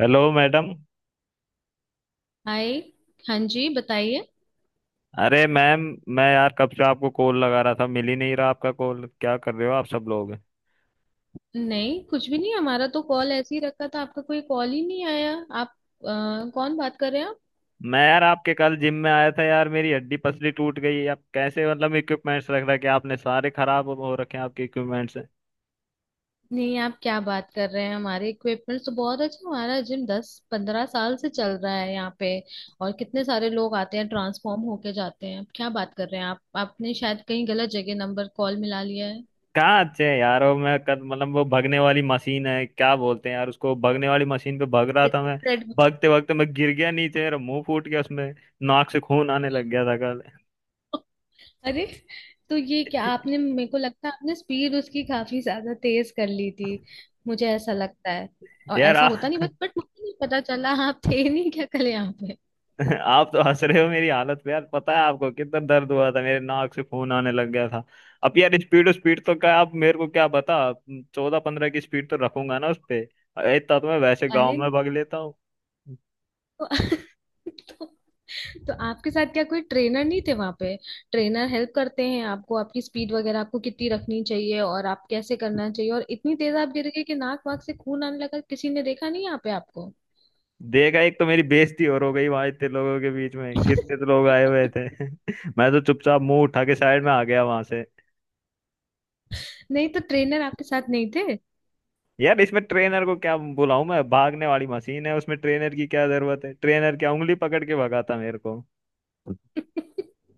Hello madam. Hi. हाँ जी बताइए। अरे मैम, मैं यार कब से आपको कॉल लगा रहा था, मिल ही नहीं रहा आपका कॉल। क्या कर रहे हो आप सब लोग? नहीं कुछ भी नहीं, हमारा तो कॉल ऐसे ही रखा था, आपका कोई कॉल ही नहीं आया। आप कौन बात कर रहे हैं आप? मैं यार आपके कल जिम में आया था। यार मेरी हड्डी पसली टूट गई। आप कैसे मतलब इक्विपमेंट्स रख रखे हैं? आपने सारे खराब हो रखे हैं आपके इक्विपमेंट्स। नहीं, आप क्या बात कर रहे हैं, हमारे इक्विपमेंट्स तो बहुत अच्छे हैं। हमारा जिम 10 15 साल से चल रहा है यहाँ पे। और कितने सारे लोग आते हैं, ट्रांसफॉर्म होके जाते हैं, आप क्या बात कर रहे हैं आप? आपने शायद कहीं गलत जगह नंबर कॉल मिला लिया है। कहाँ अच्छे हैं यार वो? मैं कल मतलब वो भगने वाली मशीन है, क्या बोलते हैं यार उसको, भगने वाली मशीन पे भग रहा Red- था मैं। red- भगते भगते मैं गिर गया नीचे, मेरा मुंह फूट गया उसमें। नाक से खून आने लग गया था कल। अरे, तो ये क्या, आपने मेरे को लगता है आपने स्पीड उसकी काफी ज्यादा तेज कर ली थी, मुझे ऐसा लगता है। और यार ऐसा होता नहीं, बट मुझे नहीं पता चला, आप थे नहीं क्या कल यहाँ पे? आप तो हंस रहे हो मेरी हालत पे। यार पता है आपको कितना दर्द हुआ था? मेरे नाक से खून आने लग गया था। अब यार स्पीड स्पीड तो क्या आप मेरे को क्या बता। 14-15 की स्पीड तो रखूंगा ना उस पे। इतना तो मैं वैसे गांव अरे। में भाग लेता हूँ। तो, तो, आपके साथ क्या कोई ट्रेनर नहीं थे वहां पे? ट्रेनर हेल्प करते हैं आपको, आपकी स्पीड वगैरह आपको कितनी रखनी चाहिए और आप कैसे करना चाहिए, और इतनी तेज आप गिर गए कि नाक वाक से खून आने लगा, किसी ने देखा नहीं यहाँ पे आपको? देगा, एक तो मेरी बेइज्जती और हो गई वहां इतने लोगों के बीच में, कितने तो लोग आए हुए थे। मैं तो चुपचाप मुंह उठा के साइड में आ गया वहां से। नहीं तो ट्रेनर आपके साथ नहीं थे? यार इसमें ट्रेनर को क्या बुलाऊं? मैं, भागने वाली मशीन है उसमें ट्रेनर की क्या जरूरत है? ट्रेनर क्या उंगली पकड़ के भगाता मेरे को? नहीं,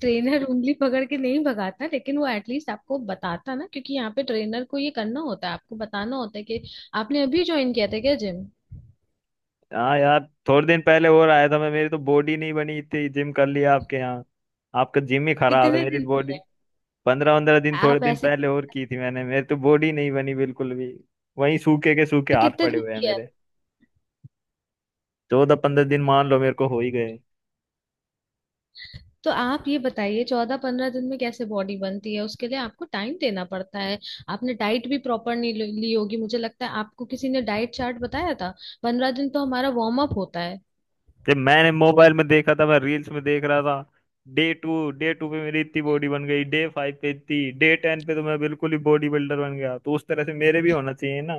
ट्रेनर उंगली पकड़ के नहीं भगाता, लेकिन वो एटलीस्ट आपको बताता ना, क्योंकि यहाँ पे ट्रेनर को ये करना होता है, आपको बताना होता है कि आपने अभी ज्वाइन किया था क्या जिम? हाँ यार थोड़े दिन पहले और आया था मैं। मेरी तो बॉडी नहीं बनी इतनी जिम कर लिया आपके यहाँ। आपका जिम ही खराब है, कितने मेरी दिन तो बॉडी। किया पंद्रह पंद्रह है? दिन थोड़े आप दिन ऐसे। पहले और की थी मैंने। मेरी तो बॉडी नहीं बनी बिल्कुल भी। वहीं सूखे के सूखे तो हाथ कितने पड़े दिन हुए हैं किया है? मेरे। 14-15 दिन मान लो मेरे को हो ही गए। तो आप ये बताइए, 14 15 दिन में कैसे बॉडी बनती है, उसके लिए आपको टाइम देना पड़ता है। आपने डाइट भी प्रॉपर नहीं ली ली होगी, मुझे लगता है, आपको किसी ने डाइट चार्ट बताया था। 15 दिन तो हमारा वार्म अप होता है। जब मैंने मोबाइल में देखा था, मैं रील्स में देख रहा था। डे टू पे मेरी इतनी बॉडी बन गई, डे 5 पे इतनी, डे 10 पे तो मैं बिल्कुल ही बॉडी बिल्डर बन गया। तो उस तरह से मेरे भी होना चाहिए ना।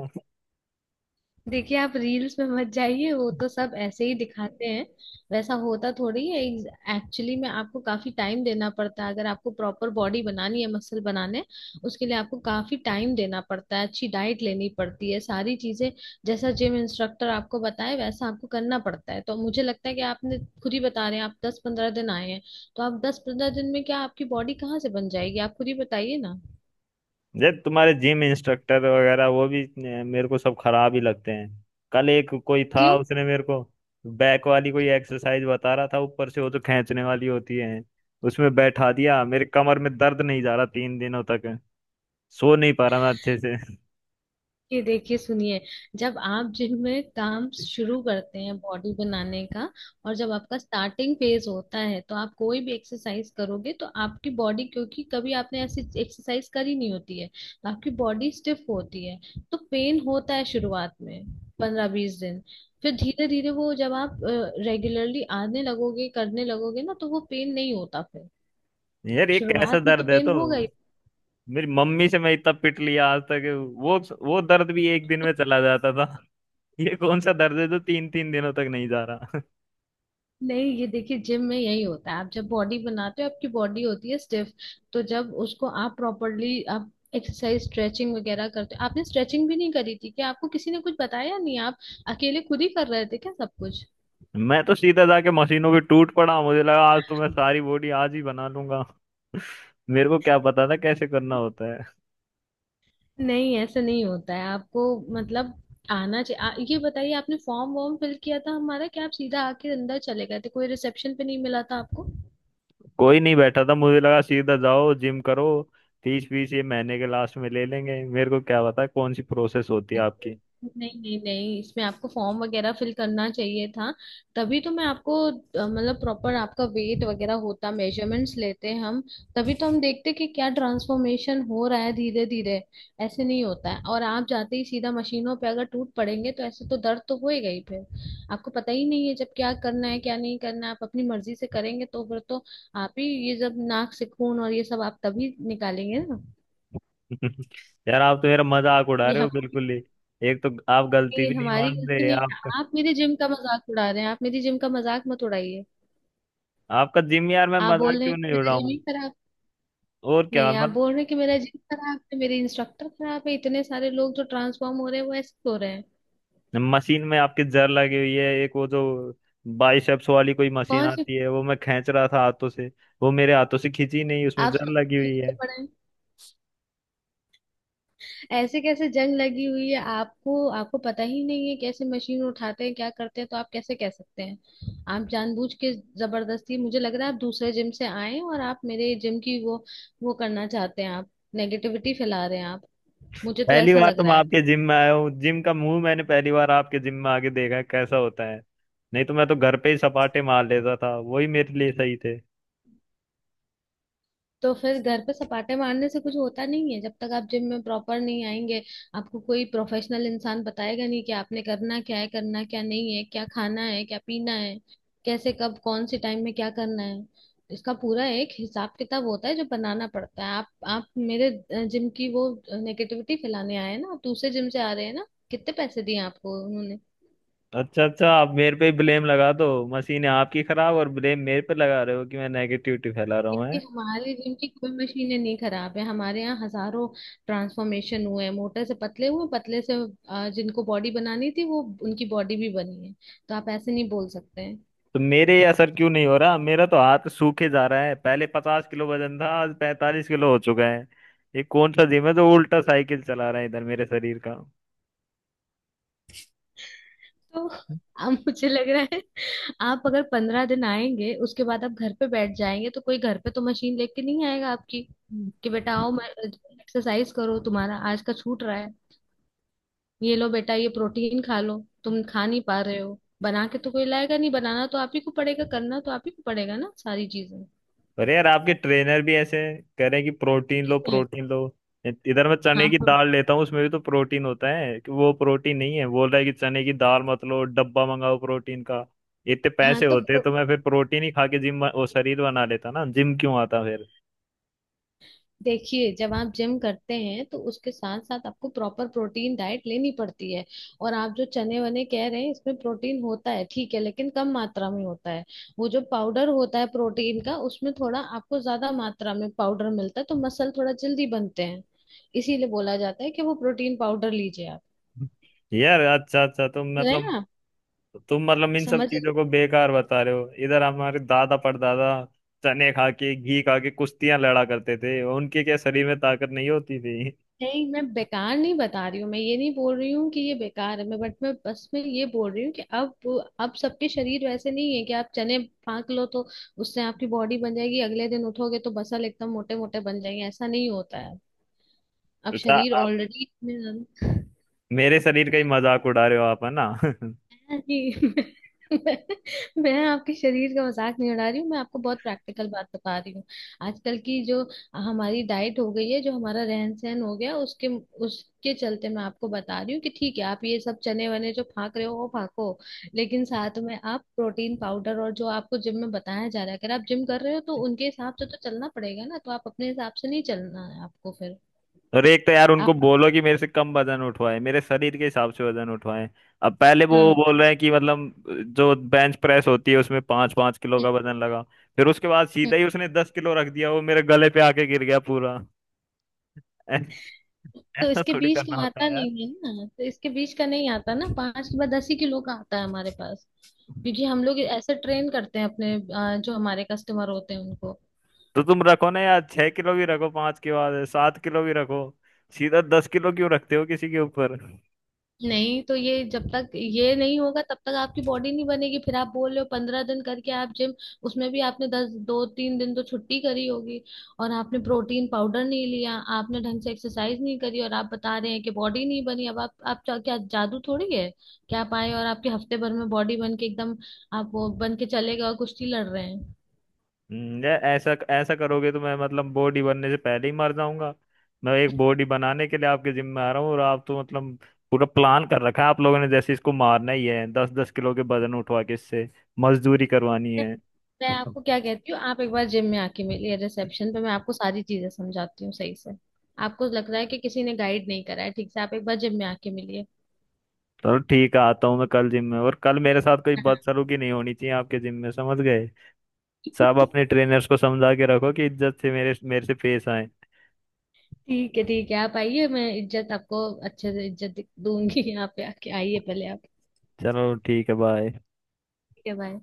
देखिए आप रील्स में मत जाइए, वो तो सब ऐसे ही दिखाते हैं, वैसा होता थोड़ी है। एक्चुअली में आपको काफी टाइम देना पड़ता है, अगर आपको प्रॉपर बॉडी बनानी है, मसल बनाने उसके लिए आपको काफी टाइम देना पड़ता है, अच्छी डाइट लेनी पड़ती है, सारी चीजें। जैसा जिम इंस्ट्रक्टर आपको बताए वैसा आपको करना पड़ता है, तो मुझे लगता है कि आपने खुद ही बता रहे हैं आप 10 15 दिन आए हैं। तो आप 10 15 दिन में क्या आपकी बॉडी कहाँ से बन जाएगी, आप खुद ही बताइए ना। ये तुम्हारे जिम इंस्ट्रक्टर वगैरह वो भी मेरे को सब खराब ही लगते हैं। कल एक कोई था क्यों? उसने मेरे को बैक वाली कोई एक्सरसाइज बता रहा था, ऊपर से वो जो खींचने वाली होती है उसमें बैठा दिया। मेरे कमर में दर्द नहीं जा रहा 3 दिनों तक। सो नहीं पा रहा मैं अच्छे से। ये देखिए, सुनिए, जब आप जिम में काम शुरू करते हैं बॉडी बनाने का, और जब आपका स्टार्टिंग फेज होता है, तो आप कोई भी एक्सरसाइज करोगे तो आपकी बॉडी, क्योंकि कभी आपने ऐसी एक्सरसाइज करी नहीं होती है, तो आपकी बॉडी स्टिफ होती है, तो पेन होता है शुरुआत में, 15 20 दिन। फिर धीरे धीरे वो, जब आप रेगुलरली आने लगोगे, करने लगोगे ना, तो वो पेन नहीं होता फिर। यार ये कैसा शुरुआत में तो दर्द है तो? पेन होगा। मेरी मम्मी से मैं इतना पिट लिया आज तक, वो वो दर्द भी एक दिन में चला जाता था। ये कौन सा दर्द है जो 3-3 दिनों तक नहीं जा रहा? नहीं, ये देखिए, जिम में यही होता है, आप जब बॉडी बनाते हो आपकी बॉडी होती है स्टिफ, तो जब उसको आप प्रॉपरली आप एक्सरसाइज स्ट्रेचिंग वगैरह करते हो, आपने स्ट्रेचिंग भी नहीं करी थी क्या? आपको किसी ने कुछ बताया नहीं, आप अकेले खुद ही कर रहे थे क्या सब कुछ? मैं तो सीधा जाके मशीनों पे टूट पड़ा, मुझे लगा आज तो मैं सारी बॉडी आज ही बना लूंगा। मेरे को क्या पता था कैसे करना होता है। नहीं, ऐसा नहीं होता है, आपको मतलब आना चाहिए। ये बताइए, आपने फॉर्म वॉर्म फिल किया था हमारा क्या, आप सीधा आके अंदर चले गए थे? कोई रिसेप्शन पे नहीं मिला था आपको? कोई नहीं बैठा था, मुझे लगा सीधा जाओ जिम करो। फीस फीस ये महीने के लास्ट में ले लेंगे, मेरे को क्या पता कौन सी प्रोसेस होती है आपकी। नहीं नहीं नहीं, इसमें आपको फॉर्म वगैरह फिल करना चाहिए था। तभी तो मैं आपको मतलब प्रॉपर आपका वेट वगैरह होता, मेजरमेंट्स लेते हैं हम। तभी तो हम देखते कि क्या ट्रांसफॉर्मेशन हो रहा है धीरे धीरे। ऐसे नहीं होता है, और आप जाते ही सीधा मशीनों पे अगर टूट पड़ेंगे, तो ऐसे तो दर्द तो होएगा ही फिर। आपको पता ही नहीं है जब क्या करना है क्या नहीं करना है, आप अपनी मर्जी से करेंगे तो फिर तो आप ही, ये जब नाक से खून और ये सब आप तभी निकालेंगे ना। यार आप तो मेरा मजाक उड़ा ये रहे हो आप, बिल्कुल ही। एक तो आप गलती ये भी नहीं हमारी मान गलती रहे नहीं आपका। है, आप मेरे जिम का मजाक उड़ा रहे हैं, आप मेरी जिम का मजाक मत उड़ाइए। आपका जिम यार मैं आप मजाक बोल रहे हैं क्यों नहीं कि मेरा जिम उड़ाऊं? ही खराब। और क्या, नहीं, आप बोल रहे हैं कि मेरा जिम खराब है, मेरे इंस्ट्रक्टर खराब है, इतने सारे लोग जो ट्रांसफॉर्म हो रहे हैं वो ऐसे हो रहे हैं। मशीन में आपकी जर लगी हुई है। एक वो जो बाइसेप्स वाली कोई मशीन कौन से? आती है, वो मैं खींच रहा था हाथों से। वो मेरे हाथों से खींची नहीं, उसमें आप जर सब लगी हुई पीछे है। पड़े हैं। ऐसे कैसे जंग लगी हुई है आपको? आपको पता ही नहीं है कैसे मशीन उठाते हैं क्या करते हैं, तो आप कैसे कह सकते हैं? आप जानबूझ के जबरदस्ती, मुझे लग रहा है आप दूसरे जिम से आए हैं और आप मेरे जिम की वो करना चाहते हैं, आप नेगेटिविटी फैला रहे हैं आप, मुझे तो पहली ऐसा बार लग तो मैं रहा है। आपके जिम में आया हूँ। जिम का मुंह मैंने पहली बार आपके जिम में आके देखा है कैसा होता है। नहीं तो मैं तो घर पे ही सपाटे मार लेता था, वही मेरे लिए सही थे। तो फिर घर पे सपाटे मारने से कुछ होता नहीं है जब तक आप जिम में प्रॉपर नहीं आएंगे। आपको कोई प्रोफेशनल इंसान बताएगा नहीं कि आपने करना क्या है, करना क्या नहीं है, क्या खाना है, क्या पीना है, कैसे कब कौन से टाइम में क्या करना है, इसका पूरा एक हिसाब किताब होता है जो बनाना पड़ता है। आप मेरे जिम की वो नेगेटिविटी फैलाने आए हैं ना, आप दूसरे जिम से आ रहे हैं ना? कितने पैसे दिए आपको उन्होंने? अच्छा अच्छा, आप मेरे पे ही ब्लेम लगा दो। मशीन है आपकी खराब और ब्लेम मेरे पे लगा रहे हो कि मैं नेगेटिविटी फैला रहा देखिए, हूँ। हमारे जिम की कोई मशीनें नहीं खराब है, हमारे यहाँ हजारों ट्रांसफॉर्मेशन हुए हैं, मोटे से पतले हुए, पतले से जिनको बॉडी बनानी थी वो उनकी बॉडी भी बनी है। तो आप ऐसे नहीं बोल सकते हैं। तो मेरे ये असर क्यों नहीं हो रहा? मेरा तो हाथ सूखे जा रहा है। पहले 50 किलो वजन था, आज 45 किलो हो चुका है। ये कौन सा जिम है जो उल्टा साइकिल चला रहा है इधर मेरे शरीर का? तो अब मुझे लग रहा है, आप अगर 15 दिन आएंगे उसके बाद आप घर पे बैठ जाएंगे, तो कोई घर पे तो मशीन लेके नहीं आएगा आपकी कि बेटा आओ मैं एक्सरसाइज करो, तुम्हारा आज का छूट रहा है, ये लो बेटा ये प्रोटीन खा लो, तुम खा नहीं पा रहे हो बना के तो कोई लाएगा नहीं, बनाना तो आप ही को पड़ेगा, करना तो आप ही को पड़ेगा ना सारी चीजें। अरे यार आपके ट्रेनर भी ऐसे कह रहे हैं कि प्रोटीन लो है। Protein low. इधर मैं चने हाँ की तो दाल लेता हूँ उसमें भी तो प्रोटीन होता है, कि वो प्रोटीन नहीं है? बोल रहा है कि चने की दाल मत लो, डब्बा मंगाओ प्रोटीन का। इतने हाँ पैसे तो होते प्रो- तो मैं फिर प्रोटीन ही खा के जिम, वो शरीर बना लेता ना, जिम क्यों आता फिर? देखिए, जब आप जिम करते हैं तो उसके साथ साथ आपको प्रॉपर प्रोटीन डाइट लेनी पड़ती है। और आप जो चने वने कह रहे हैं, इसमें प्रोटीन होता है ठीक है, लेकिन कम मात्रा में होता है। वो जो पाउडर होता है प्रोटीन का, उसमें थोड़ा आपको ज्यादा मात्रा में पाउडर मिलता है तो मसल थोड़ा जल्दी बनते हैं, इसीलिए बोला जाता है कि वो प्रोटीन पाउडर लीजिए आप। यार अच्छा अच्छा तो है मतलब, ना? तो तुम मतलब इन सब समझ। चीजों को बेकार बता रहे हो? इधर हमारे दादा परदादा चने खा के घी खा के कुश्तियां लड़ा करते थे, उनके क्या शरीर में ताकत नहीं होती थी? नहीं, मैं बेकार नहीं बता रही हूँ, मैं ये नहीं बोल रही हूँ कि ये बेकार है, मैं बट मैं बस मैं ये बोल रही हूँ कि अब सबके शरीर वैसे नहीं है कि आप चने फाँक लो तो उससे आपकी बॉडी बन जाएगी, अगले दिन उठोगे तो बसल एकदम मोटे मोटे बन जाएंगे, ऐसा नहीं होता है। अब अच्छा, शरीर आप ऑलरेडी। मेरे शरीर का ही मजाक उड़ा रहे हो आप, है ना। जी। मैं, मैं आपके शरीर का मजाक नहीं उड़ा रही हूँ, मैं आपको बहुत प्रैक्टिकल बात बता रही हूँ। आजकल की जो हमारी डाइट हो गई है, जो हमारा रहन सहन हो गया, उसके उसके चलते मैं आपको बता रही हूँ कि ठीक है आप ये सब चने वने जो फाक रहे हो वो फाको, लेकिन साथ में आप प्रोटीन पाउडर, और जो आपको जिम में बताया जा रहा है अगर आप जिम कर रहे हो, तो उनके हिसाब से तो चलना पड़ेगा ना, तो आप अपने हिसाब से नहीं चलना है आपको फिर। और एक तो यार उनको आप। बोलो कि मेरे से कम वजन उठवाए, मेरे शरीर के हिसाब से वजन उठवाए। अब पहले वो हाँ बोल रहे हैं कि मतलब जो बेंच प्रेस होती है उसमें 5-5 किलो का वजन लगा, फिर उसके बाद सीधा ही उसने 10 किलो रख दिया, वो मेरे गले पे आके गिर गया पूरा। ऐ- तो ऐसा इसके थोड़ी बीच करना का होता आता है नहीं है ना, तो इसके बीच का नहीं आता ना, 5 के बाद 10 ही किलो का आता है हमारे पास, यार। क्योंकि हम लोग ऐसे ट्रेन करते हैं अपने जो हमारे कस्टमर होते हैं उनको। तो तुम रखो ना यार, 6 किलो भी रखो पांच के बाद, 7 किलो भी रखो, सीधा 10 किलो क्यों रखते हो किसी के ऊपर? नहीं, तो ये जब तक ये नहीं होगा तब तक आपकी बॉडी नहीं बनेगी, फिर आप बोल रहे हो पंद्रह दिन करके आप जिम, उसमें भी आपने दस दो तीन दिन तो छुट्टी करी होगी, और आपने प्रोटीन पाउडर नहीं लिया, आपने ढंग से एक्सरसाइज नहीं करी, और आप बता रहे हैं कि बॉडी नहीं बनी। अब आप क्या क्या जादू थोड़ी है, क्या आप आए और आपके हफ्ते भर में बॉडी बन के एकदम आप वो बन के चले गए और कुश्ती लड़ रहे हैं। यार ऐसा ऐसा करोगे तो मैं मतलब बॉडी बनने से पहले ही मर जाऊंगा। मैं एक बॉडी बनाने के लिए आपके जिम में आ रहा हूँ और आप तो मतलब पूरा प्लान कर रखा है आप लोगों ने, जैसे इसको मारना ही है, 10-10 किलो के वजन उठवा के इससे मजदूरी करवानी है। मैं आपको क्या कहती हूँ, आप एक बार जिम में आके मिलिए रिसेप्शन पे, मैं आपको सारी चीजें समझाती हूँ सही से। आपको लग रहा है कि किसी ने गाइड नहीं करा है ठीक से, आप एक बार जिम में आके मिलिए। चलो ठीक है, आता हूँ मैं कल जिम में, और कल मेरे साथ कोई हाँ। बदसलूकी नहीं होनी चाहिए आपके जिम में, समझ गए। सब अपने ट्रेनर्स को समझा के रखो कि इज्जत से मेरे मेरे से पेश आए। ठीक है ठीक है, आप आइए, मैं इज्जत आपको अच्छे से इज्जत दूंगी यहाँ पे आके, आइए पहले आप। चलो ठीक है, बाय। ठीक है, बाय।